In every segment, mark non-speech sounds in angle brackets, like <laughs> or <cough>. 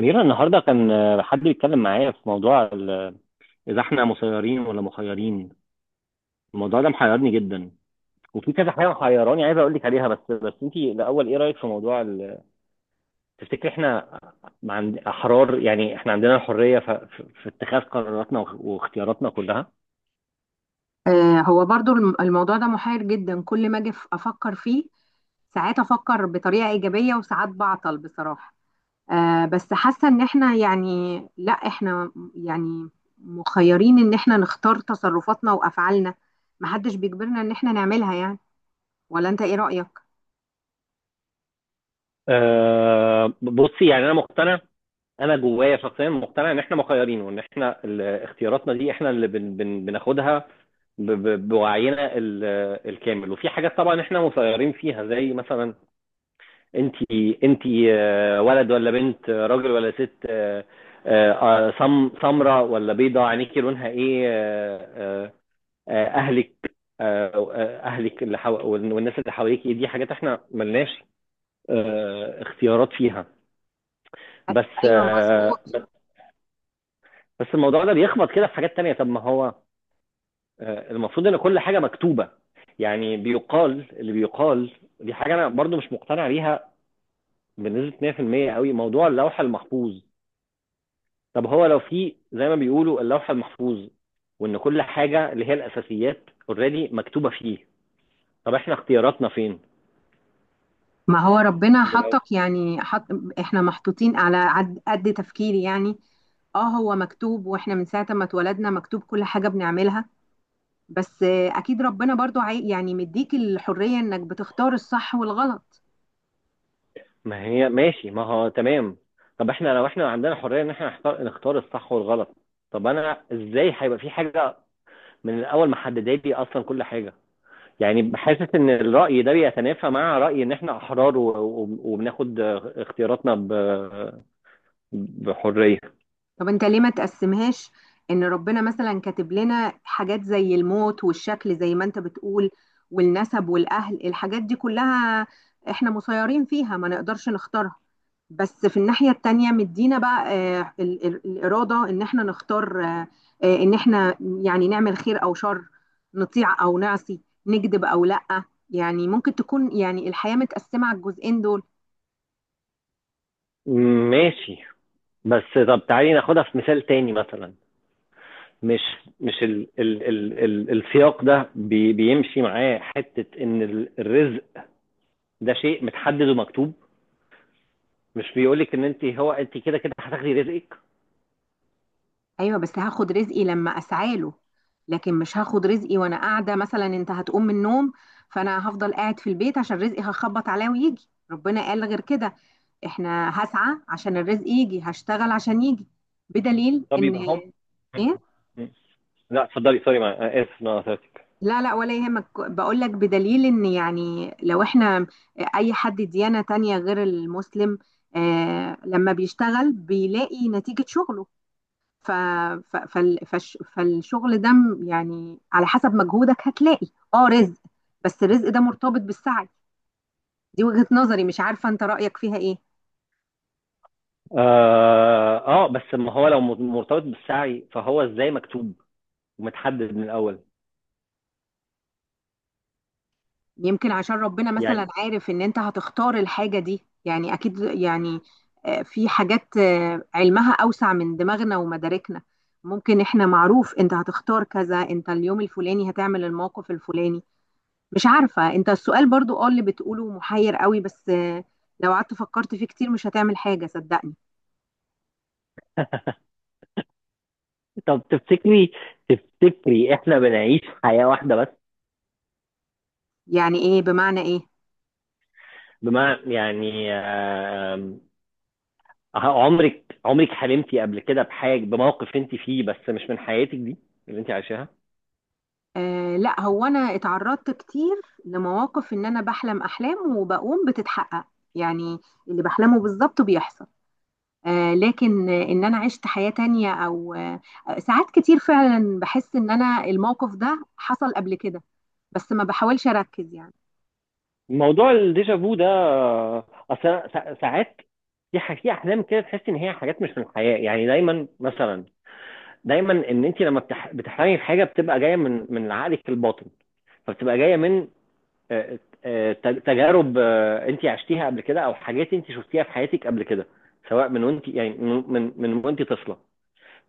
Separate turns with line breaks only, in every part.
أميرة، النهاردة كان حد بيتكلم معايا في موضوع إذا إحنا مسيرين ولا مخيرين. الموضوع ده محيرني جدا، وفي كذا حاجة محيراني. عايز أقول لك عليها، بس أنت الأول، إيه رأيك في موضوع تفتكري إحنا عند أحرار؟ يعني إحنا عندنا الحرية في اتخاذ قراراتنا، واختياراتنا كلها.
هو برضو الموضوع ده محير جدا كل ما اجي افكر فيه. ساعات افكر بطريقة ايجابية وساعات بعطل بصراحة. بس حاسة ان احنا يعني لا، احنا يعني مخيرين ان احنا نختار تصرفاتنا وافعالنا، محدش بيجبرنا ان احنا نعملها يعني. ولا انت ايه رأيك؟
بصي، يعني أنا مقتنع. انا جوايا شخصيا مقتنع ان احنا مخيرين، وان احنا اختياراتنا دي احنا اللي بن بن بناخدها بوعينا الكامل. وفي حاجات طبعا احنا مسيرين فيها، زي مثلا انت، انت ولد ولا بنت، راجل ولا ست، سمراء ولا بيضاء، عينيكي لونها ايه، اهلك، آه، اللي والناس اللي حواليكي. دي حاجات احنا ملناش اختيارات فيها. بس
ايوه
آه،
مظبوط.
بس الموضوع ده بيخبط كده في حاجات تانية. طب، ما هو المفروض ان كل حاجة مكتوبة، يعني بيقال اللي بيقال. دي حاجة انا برضو مش مقتنع بيها بنسبة 100% قوي، موضوع اللوح المحفوظ. طب هو لو في زي ما بيقولوا اللوح المحفوظ، وان كل حاجة اللي هي الاساسيات اوريدي مكتوبة فيه، طب احنا اختياراتنا فين؟
ما هو ربنا
ولو-
حطك، يعني حط، احنا محطوطين على قد تفكيري يعني. اه، هو مكتوب، واحنا من ساعة ما اتولدنا مكتوب كل حاجة بنعملها، بس اكيد ربنا برضو يعني مديك الحرية انك بتختار الصح والغلط.
ما هي ماشي، ما هو تمام. طب احنا لو احنا عندنا حرية ان احنا نختار الصح والغلط، طب انا ازاي هيبقى في حاجة من الاول محدده لي اصلا كل حاجة؟ يعني حاسس ان الرأي ده بيتنافى مع رأي ان احنا احرار، وبناخد اختياراتنا بحرية.
طب انت ليه ما تقسمهاش؟ ان ربنا مثلا كاتب لنا حاجات زي الموت والشكل، زي ما انت بتقول، والنسب والاهل، الحاجات دي كلها احنا مسيرين فيها، ما نقدرش نختارها. بس في الناحية التانية مدينا بقى الإرادة ان احنا نختار، ان احنا يعني نعمل خير او شر، نطيع او نعصي، نكذب او لأ. يعني ممكن تكون يعني الحياة متقسمة على الجزئين دول.
ماشي، بس طب تعالي ناخدها في مثال تاني مثلا. مش مش ال ال ال ال السياق ده بيمشي معاه حتة ان الرزق ده شيء متحدد ومكتوب. مش بيقولك ان انت هو انت كده كده هتاخدي رزقك.
ايوه، بس هاخد رزقي لما اسعى له، لكن مش هاخد رزقي وانا قاعده. مثلا انت هتقوم من النوم فانا هفضل قاعد في البيت عشان رزقي هخبط عليه ويجي؟ ربنا قال غير كده. احنا هسعى عشان الرزق يجي، هشتغل عشان يجي، بدليل
طب
ان،
يبقى هم
ايه؟
لا، اتفضلي، سوري، مع اسف إن انا قطعتك.
لا لا، ولا يهمك. بقول لك بدليل ان، يعني لو احنا اي حد ديانة تانية غير المسلم، آه، لما بيشتغل بيلاقي نتيجة شغله. ف... فالشغل ده يعني على حسب مجهودك هتلاقي اه رزق، بس الرزق ده مرتبط بالسعي. دي وجهة نظري، مش عارفة انت رأيك فيها ايه.
بس ما هو لو مرتبط بالسعي، فهو ازاي مكتوب ومتحدد من الاول
يمكن عشان ربنا مثلا
يعني؟
عارف ان انت هتختار الحاجة دي، يعني اكيد يعني في حاجات علمها اوسع من دماغنا ومداركنا. ممكن احنا، معروف انت هتختار كذا، انت اليوم الفلاني هتعمل الموقف الفلاني. مش عارفة، انت السؤال برضو اه اللي بتقوله محير قوي، بس لو قعدت فكرت فيه كتير مش هتعمل حاجة، صدقني.
<laughs> طب تفتكري، احنا بنعيش حياة واحدة بس؟
يعني ايه؟ بمعنى ايه؟
بمعنى يعني، عمرك حلمتي قبل كده بحاجة، بموقف انت فيه بس مش من حياتك دي اللي انت عايشاها؟
آه لا، هو انا اتعرضت كتير لمواقف ان انا بحلم احلام وبقوم بتتحقق، يعني اللي بحلمه بالظبط بيحصل. آه، لكن ان انا عشت حياة تانية او آه، ساعات كتير فعلا بحس ان انا الموقف ده حصل قبل كده، بس ما بحاولش اركز يعني.
موضوع الديجا فو ده، اصل أنا ساعات في احلام كده تحس ان هي حاجات مش من الحياة. يعني دايما مثلا، ان انت لما بتحلمي بحاجه بتبقى جايه من عقلك الباطن، فبتبقى جايه من آه، تجارب انت عشتيها قبل كده، او حاجات انت شفتيها في حياتك قبل كده، سواء من وانت، يعني من وانت طفله،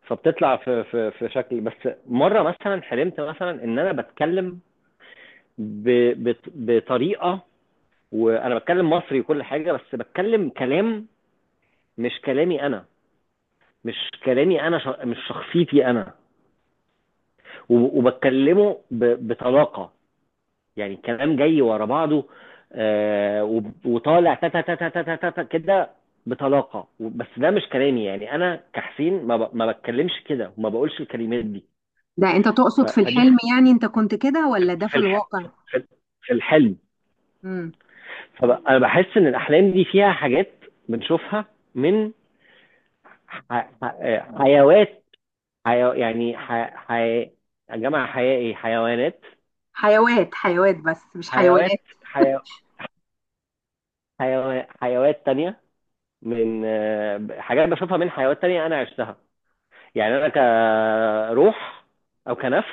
فبتطلع في شكل. بس مره مثلا حلمت مثلا ان انا بتكلم ب بطريقه، وانا بتكلم مصري وكل حاجه، بس بتكلم كلام مش كلامي انا، مش كلامي انا، مش شخصيتي انا، وبتكلمه بطلاقه. يعني الكلام جاي ورا بعضه، وطالع تا تا تا تا تا تا كده بطلاقه، بس ده مش كلامي. يعني انا كحسين ما بتكلمش كده، وما بقولش الكلمات دي.
ده انت
ف-
تقصد في
فدي
الحلم،
ح-
يعني انت كنت كده،
في
ولا ده
في
في
الح-
الواقع؟
في- في في الحلم. فانا بحس ان الاحلام دي فيها حاجات بنشوفها من حيوات، يعني حي... يا جماعه حياة ايه حيوانات،
حيوات، حيوات، بس مش حيوانات.
حيوات، حيوات تانية، من حاجات بشوفها من حيوانات تانية انا عشتها. يعني انا كروح او كنفس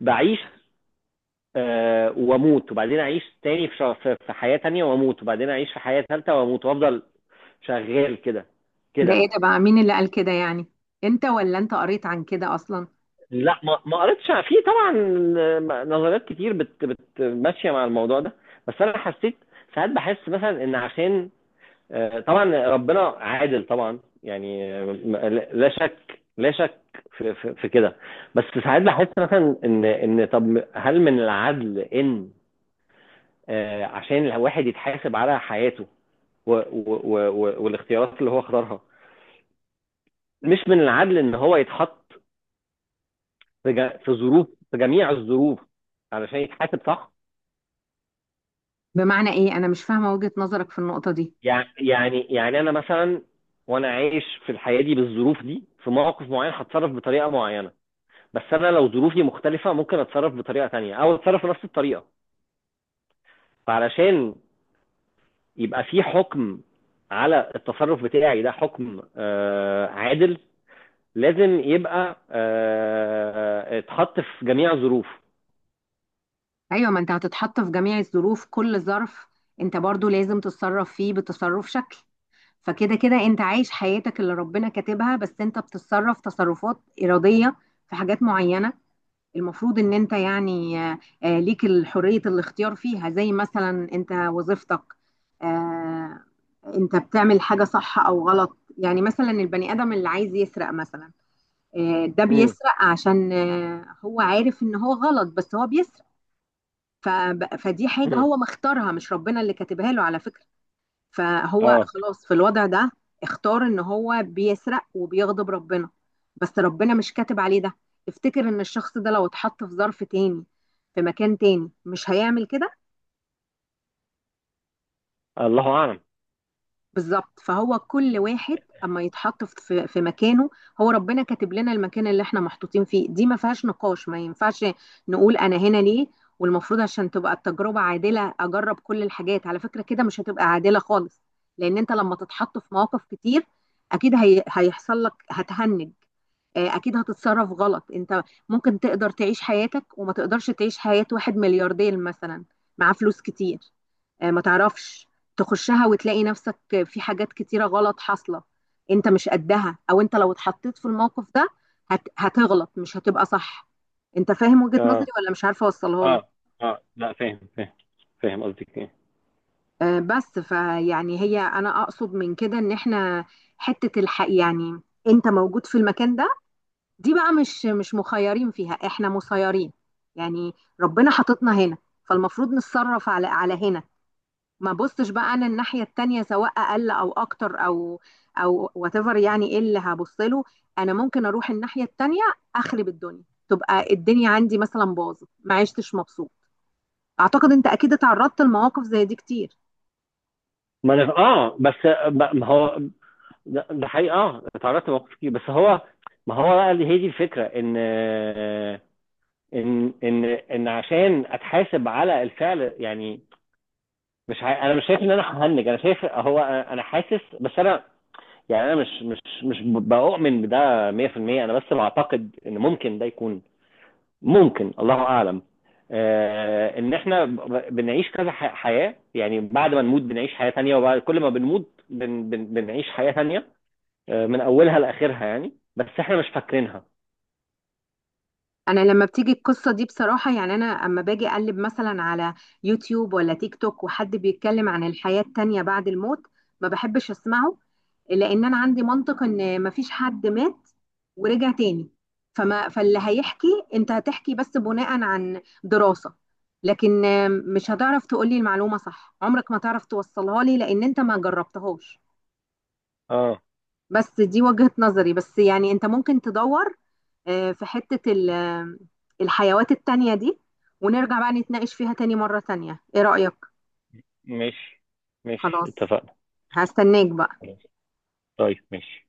بعيش، واموت، وبعدين اعيش تاني في- حياة تانية، واموت وبعدين اعيش في حياة تالتة، واموت، وافضل شغال كده
ده
كده.
ايه ده بقى؟ مين اللي قال كده يعني؟ انت، ولا انت قريت عن كده اصلا؟
لا، ما قريتش، في طبعا نظريات كتير بت بت ماشية مع الموضوع ده، بس انا حسيت. ساعات بحس مثلا ان عشان طبعا ربنا عادل طبعا، يعني لا شك لا شك في كده. بس ساعات بحس مثلا ان ان طب، هل من العدل ان عشان الواحد يتحاسب على حياته و و و والاختيارات اللي هو اختارها، مش من العدل ان هو يتحط في جا- في ظروف في جميع الظروف علشان يتحاسب صح؟
بمعنى ايه؟ انا مش فاهمة وجهة نظرك في النقطة دي.
يعني انا مثلا، وانا عايش في الحياه دي بالظروف دي، في مواقف معينه هتصرف بطريقه معينه. بس انا لو ظروفي مختلفه، ممكن اتصرف بطريقه تانية او اتصرف بنفس الطريقه. فعلشان يبقى في حكم على التصرف بتاعي ده، حكم عادل، لازم يبقى اتحط في جميع الظروف.
ايوه، ما انت هتتحط في جميع الظروف. كل ظرف انت برضو لازم تتصرف فيه بتصرف شكل. فكده كده انت عايش حياتك اللي ربنا كاتبها، بس انت بتتصرف تصرفات إرادية في حاجات معينة المفروض ان انت يعني ليك حرية الاختيار فيها، زي مثلا انت وظيفتك، آه، انت بتعمل حاجة صح او غلط. يعني مثلا البني ادم اللي عايز يسرق مثلا، ده
مم.
بيسرق عشان هو عارف ان هو غلط، بس هو بيسرق. فدي حاجة
مم.
هو مختارها، مش ربنا اللي كاتبها له على فكرة. فهو
اه،
خلاص في الوضع ده اختار ان هو بيسرق وبيغضب ربنا، بس ربنا مش كاتب عليه ده. تفتكر ان الشخص ده لو اتحط في ظرف تاني، في مكان تاني، مش هيعمل كده؟
الله اعلم.
بالظبط. فهو كل واحد اما يتحط في مكانه، هو ربنا كاتب لنا المكان اللي احنا محطوطين فيه، دي ما فيهاش نقاش، ما ينفعش نقول انا هنا ليه. والمفروض عشان تبقى التجربة عادلة اجرب كل الحاجات؟ على فكرة كده مش هتبقى عادلة خالص، لان انت لما تتحط في مواقف كتير اكيد هي هيحصل لك هتهنج، اكيد هتتصرف غلط انت. ممكن تقدر تعيش حياتك وما تقدرش تعيش حياة واحد ملياردير مثلا، معاه فلوس كتير، ما تعرفش تخشها وتلاقي نفسك في حاجات كتيرة غلط حاصلة انت مش قدها. او انت لو اتحطيت في الموقف ده هتغلط، مش هتبقى صح. انت فاهم وجهة نظري،
اه،
ولا مش عارفة اوصلها لك؟
اه، اه، لا، فاهم، فاهم، فاهم قصدك ايه.
بس فيعني، هي انا اقصد من كده ان احنا حتة الحق يعني، انت موجود في المكان ده، دي بقى مش مخيرين فيها، احنا مسيرين يعني. ربنا حاططنا هنا، فالمفروض نتصرف على هنا. ما بصش بقى انا الناحيه التانيه، سواء اقل او اكتر او او وات ايفر، يعني ايه اللي هبص له؟ انا ممكن اروح الناحيه التانيه اخرب الدنيا، تبقى الدنيا عندي مثلا باظت، ما عشتش مبسوط. اعتقد انت اكيد اتعرضت لمواقف زي دي كتير.
ما انا، اه، بس ما هو، ده حقيقي، اه اتعرضت لمواقف كتير، بس هو ما هو بقى اللي هي دي الفكره، ان عشان اتحاسب على الفعل، يعني مش انا مش شايف ان انا ههنج، انا شايف هو انا، حاسس، بس انا يعني انا مش بؤمن بده 100%. انا بس بعتقد ان ممكن ده يكون، ممكن الله اعلم، ان احنا بنعيش كذا حياة. يعني بعد ما نموت بنعيش حياة تانية، وبعد كل ما بنموت بن بن بنعيش حياة تانية، من اولها لاخرها، يعني بس احنا مش فاكرينها.
انا لما بتيجي القصه دي بصراحه، يعني انا اما باجي اقلب مثلا على يوتيوب ولا تيك توك وحد بيتكلم عن الحياه التانيه بعد الموت، ما بحبش اسمعه، لان انا عندي منطق ان ما فيش حد مات ورجع تاني. فما، فاللي هيحكي، انت هتحكي بس بناء عن دراسه، لكن مش هتعرف تقولي المعلومه صح، عمرك ما تعرف توصلها لي لان انت ما جربتهاش.
اه،
بس دي وجهة نظري. بس يعني انت ممكن تدور في حتة الحيوات التانية دي، ونرجع بقى نتناقش فيها تاني مرة تانية. ايه رأيك؟
ماشي، ماشي،
خلاص،
اتفقنا،
هستناك بقى.
خلاص، طيب، ماشي.